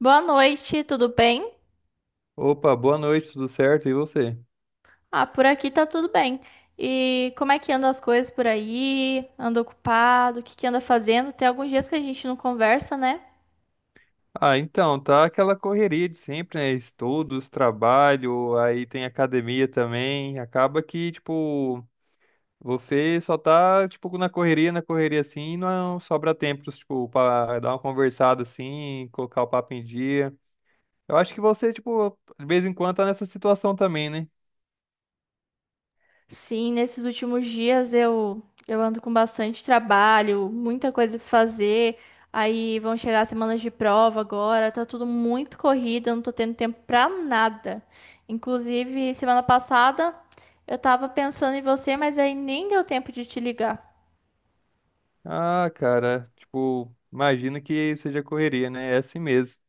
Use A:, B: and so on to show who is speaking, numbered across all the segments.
A: Boa noite, tudo bem?
B: Opa, boa noite, tudo certo? E você?
A: Ah, por aqui tá tudo bem. E como é que andam as coisas por aí? Anda ocupado? O que que anda fazendo? Tem alguns dias que a gente não conversa, né?
B: Ah, então, tá aquela correria de sempre, né? Estudos, trabalho, aí tem academia também. Acaba que, tipo, você só tá, tipo, na correria assim, e não sobra tempo, tipo, pra dar uma conversada assim, colocar o papo em dia. Eu acho que você, tipo, de vez em quando tá nessa situação também, né?
A: Sim, nesses últimos dias eu ando com bastante trabalho, muita coisa pra fazer. Aí vão chegar as semanas de prova agora, tá tudo muito corrido, eu não tô tendo tempo pra nada. Inclusive, semana passada eu tava pensando em você, mas aí nem deu tempo de te ligar.
B: Ah, cara, tipo, imagino que seja correria, né? É assim mesmo.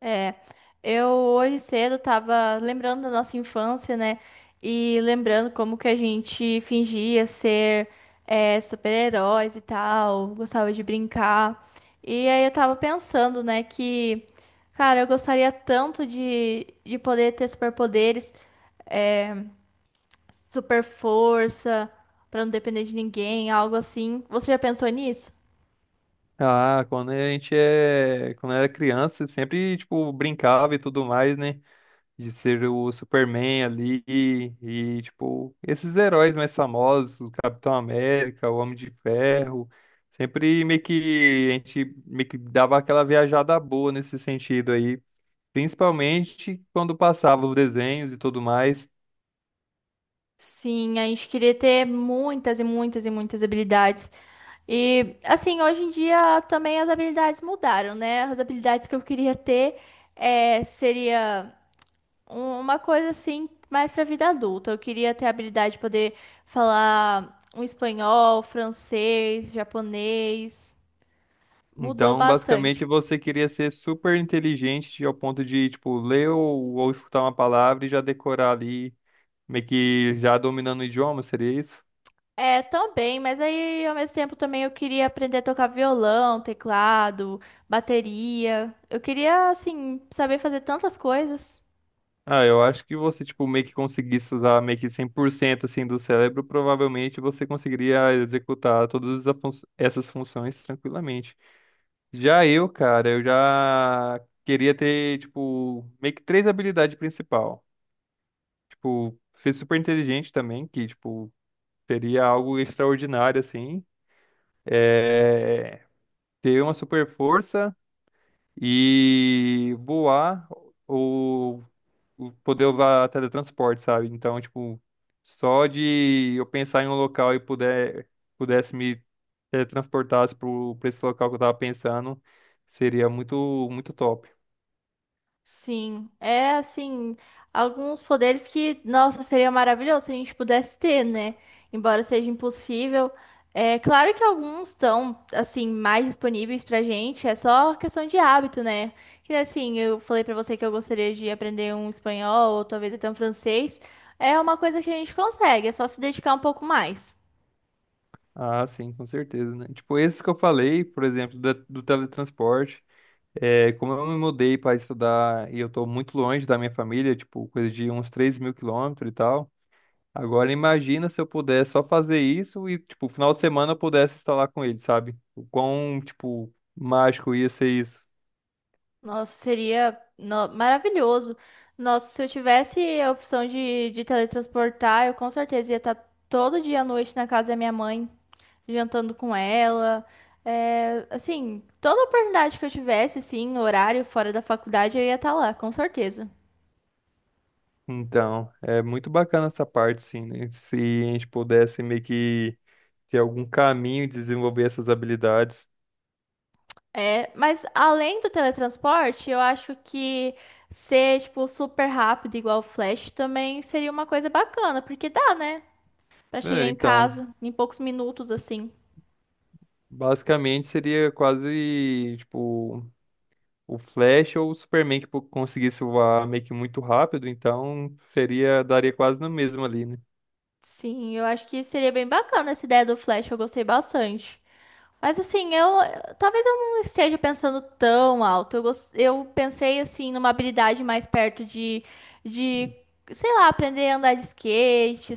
A: É, eu hoje cedo tava lembrando da nossa infância, né? E lembrando como que a gente fingia ser super-heróis e tal, gostava de brincar. E aí eu tava pensando, né, que, cara, eu gostaria tanto de poder ter superpoderes, é, super força, pra não depender de ninguém, algo assim. Você já pensou nisso?
B: Ah, quando a gente é, quando era criança, sempre tipo brincava e tudo mais, né? De ser o Superman ali e tipo esses heróis mais famosos, o Capitão América, o Homem de Ferro, sempre meio que a gente meio que dava aquela viajada boa nesse sentido aí, principalmente quando passava os desenhos e tudo mais.
A: Sim, a gente queria ter muitas e muitas e muitas habilidades. E assim, hoje em dia também as habilidades mudaram, né? As habilidades que eu queria ter seria uma coisa assim mais para vida adulta. Eu queria ter a habilidade de poder falar um espanhol, francês, japonês. Mudou
B: Então, basicamente,
A: bastante.
B: você queria ser super inteligente ao ponto de, tipo, ler ou escutar uma palavra e já decorar ali, meio que já dominando o idioma, seria isso?
A: É, também, mas aí ao mesmo tempo também eu queria aprender a tocar violão, teclado, bateria. Eu queria assim saber fazer tantas coisas.
B: Ah, eu acho que você, tipo, meio que conseguisse usar meio que 100% assim do cérebro, provavelmente você conseguiria executar todas as essas funções tranquilamente. Já eu, cara, eu já queria ter, tipo, meio que três habilidades principal. Tipo, ser super inteligente também, que, tipo, seria algo extraordinário, assim. É... Ter uma super força e voar ou poder usar teletransporte, sabe? Então, tipo, só de eu pensar em um local e pudesse me teletransportar para esse local que eu tava pensando, seria muito, muito top.
A: Sim, é assim, alguns poderes que, nossa, seria maravilhoso se a gente pudesse ter, né? Embora seja impossível. É claro que alguns estão, assim, mais disponíveis pra gente, é só questão de hábito, né? Que assim, eu falei pra você que eu gostaria de aprender um espanhol ou talvez até um francês. É uma coisa que a gente consegue, é só se dedicar um pouco mais.
B: Ah, sim, com certeza, né? Tipo, esses que eu falei, por exemplo, do teletransporte, é, como eu me mudei para estudar e eu tô muito longe da minha família, tipo, coisa de uns 3.000 quilômetros e tal. Agora imagina se eu pudesse só fazer isso e, tipo, final de semana eu pudesse estar lá com ele, sabe? O quão, tipo, mágico ia ser isso.
A: Nossa, seria maravilhoso. Nossa, se eu tivesse a opção de teletransportar, eu com certeza ia estar todo dia à noite na casa da minha mãe, jantando com ela. É, assim, toda oportunidade que eu tivesse, sim, horário fora da faculdade, eu ia estar lá, com certeza.
B: Então, é muito bacana essa parte, sim, né? Se a gente pudesse meio que ter algum caminho de desenvolver essas habilidades.
A: É, mas além do teletransporte, eu acho que ser, tipo, super rápido, igual o Flash, também seria uma coisa bacana, porque dá, né? Pra chegar
B: É,
A: em
B: então,
A: casa em poucos minutos, assim.
B: basicamente seria quase, tipo, o Flash ou o Superman que conseguisse voar meio que muito rápido, então seria, daria quase no mesmo ali, né?
A: Sim, eu acho que seria bem bacana essa ideia do Flash, eu gostei bastante. Mas assim, eu talvez eu não esteja pensando tão alto. Eu, eu pensei assim numa habilidade mais perto de sei lá, aprender a andar de skate,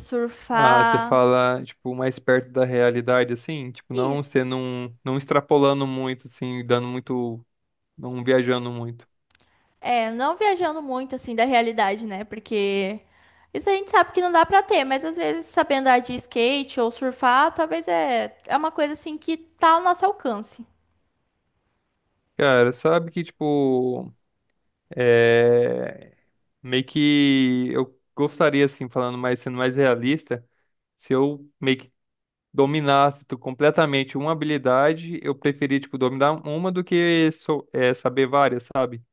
B: Ah, você
A: surfar.
B: fala, tipo, mais perto da realidade, assim? Tipo, não,
A: Isso.
B: você não extrapolando muito, assim, não viajando muito.
A: É, não viajando muito assim da realidade, né? Porque isso a gente sabe que não dá pra ter, mas às vezes saber andar de skate ou surfar, talvez é uma coisa assim que tá ao nosso alcance.
B: Cara, sabe que, tipo, é... meio que eu gostaria, assim, falando mais, sendo mais realista, se eu meio que dominasse completamente uma habilidade, eu preferia, tipo, dominar uma do que saber várias, sabe?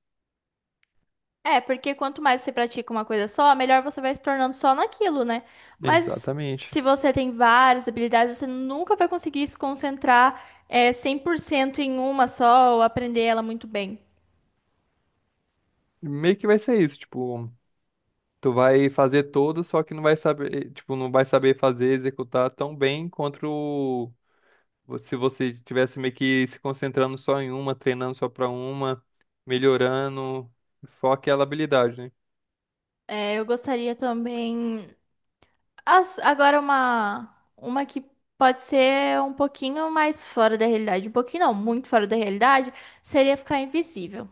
A: É, porque quanto mais você pratica uma coisa só, melhor você vai se tornando só naquilo, né? Mas
B: Exatamente.
A: se você tem várias habilidades, você nunca vai conseguir se concentrar, 100% em uma só ou aprender ela muito bem.
B: Meio que vai ser isso, tipo. Tu vai fazer todo, só que não vai saber, tipo, não vai saber fazer, executar tão bem quanto se você tivesse meio que se concentrando só em uma, treinando só pra uma, melhorando só aquela habilidade, né?
A: É, eu gostaria também. Agora, uma que pode ser um pouquinho mais fora da realidade. Um pouquinho, não, muito fora da realidade, seria ficar invisível.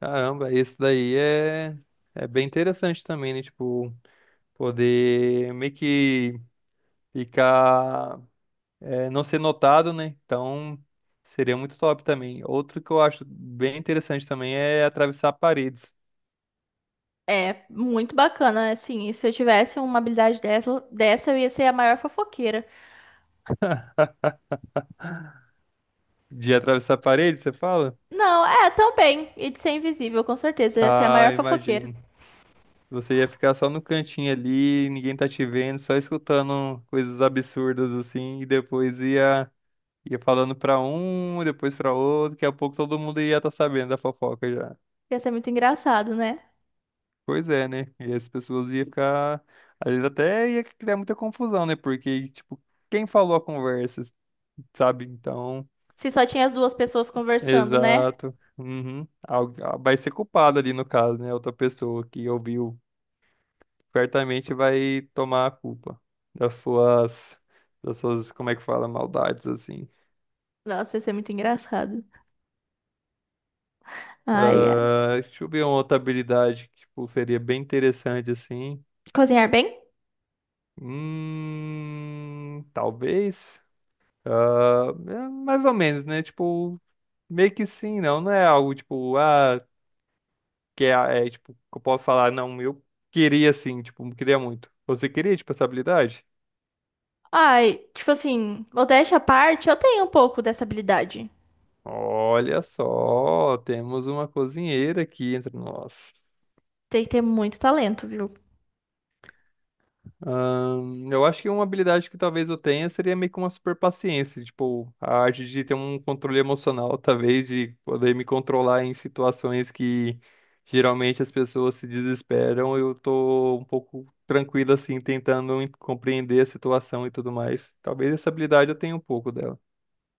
B: Caramba, isso daí é bem interessante também, né? Tipo, poder meio que ficar, não ser notado, né? Então, seria muito top também. Outro que eu acho bem interessante também é atravessar paredes.
A: É muito bacana, assim. Se eu tivesse uma habilidade dessa, eu ia ser a maior fofoqueira.
B: De atravessar a parede, você fala?
A: Não, é, também. E de ser invisível, com certeza. Ia ser a
B: Ah,
A: maior fofoqueira.
B: imagino. Você ia ficar só no cantinho ali, ninguém tá te vendo, só escutando coisas absurdas assim, e depois ia, falando pra um, depois pra outro, daqui a pouco todo mundo ia estar sabendo da fofoca já.
A: Ia ser muito engraçado, né?
B: Pois é, né? E as pessoas iam ficar. Às vezes até ia criar muita confusão, né? Porque, tipo, quem falou a conversa, sabe? Então.
A: Se só tinha as duas pessoas conversando, né?
B: Exato. Uhum. Vai ser culpado ali no caso, né? Outra pessoa que ouviu certamente vai tomar a culpa das suas, das suas, como é que fala, maldades, assim.
A: Nossa, ia ser muito engraçado. Ai, ai.
B: Ah, deixa eu ver uma outra habilidade que, tipo, seria bem interessante, assim.
A: Cozinhar bem?
B: Talvez. Ah, é mais ou menos, né? Tipo, meio que sim, não. Não é algo, tipo, ah, que é, tipo, que eu posso falar, não, eu queria, assim, tipo, queria muito. Você queria, tipo, essa habilidade?
A: Ai, tipo assim, modéstia à parte, eu tenho um pouco dessa habilidade.
B: Olha só, temos uma cozinheira aqui entre nós.
A: Tem que ter muito talento, viu?
B: Eu acho que uma habilidade que talvez eu tenha seria meio que uma super paciência, tipo, a arte de ter um controle emocional, talvez, de poder me controlar em situações que geralmente as pessoas se desesperam, eu tô um pouco tranquilo assim, tentando compreender a situação e tudo mais. Talvez essa habilidade eu tenha um pouco dela.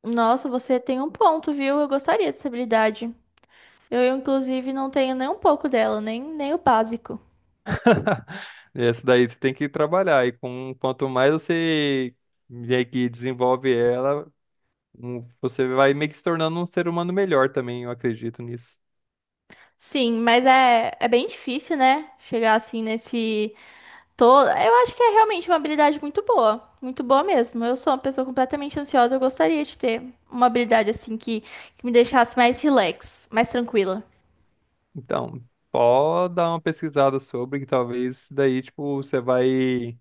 A: Nossa, você tem um ponto, viu? Eu gostaria dessa habilidade. Eu, inclusive, não tenho nem um pouco dela, nem, nem o básico.
B: Essa daí você tem que trabalhar, e com, quanto mais você meio que desenvolve ela, você vai meio que se tornando um ser humano melhor também, eu acredito nisso.
A: Sim, mas é bem difícil, né? Chegar assim nesse. Tô, eu acho que é realmente uma habilidade muito boa mesmo. Eu sou uma pessoa completamente ansiosa, eu gostaria de ter uma habilidade assim que me deixasse mais relax, mais tranquila.
B: Então, só dar uma pesquisada sobre, que talvez daí, tipo, você vai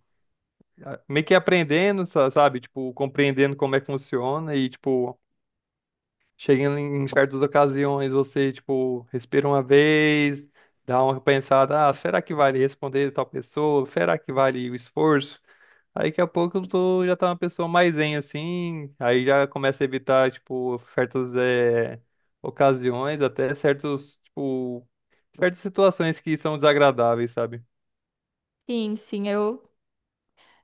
B: meio que aprendendo, sabe? Tipo, compreendendo como é que funciona e, tipo, chegando em certas ocasiões, você, tipo, respira uma vez, dá uma pensada, ah, será que vale responder tal pessoa? Será que vale o esforço? Aí daqui a pouco eu tô, já tá uma pessoa mais zen assim, aí já começa a evitar, tipo, certas ocasiões, até certos, tipo, certas situações que são desagradáveis, sabe?
A: Sim, sim, eu,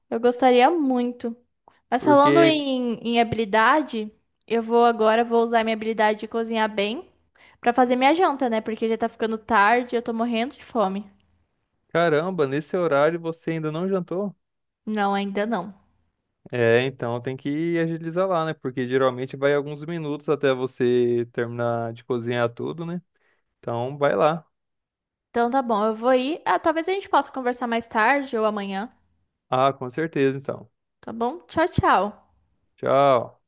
A: eu gostaria muito. Mas falando
B: Porque,
A: em, em habilidade, eu vou agora, vou usar minha habilidade de cozinhar bem pra fazer minha janta, né? Porque já tá ficando tarde, eu tô morrendo de fome.
B: caramba, nesse horário você ainda não jantou?
A: Não, ainda não.
B: É, então tem que agilizar lá, né? Porque geralmente vai alguns minutos até você terminar de cozinhar tudo, né? Então vai lá.
A: Então tá bom, eu vou ir. Ah, talvez a gente possa conversar mais tarde ou amanhã,
B: Ah, com certeza, então.
A: tá bom? Tchau, tchau.
B: Tchau.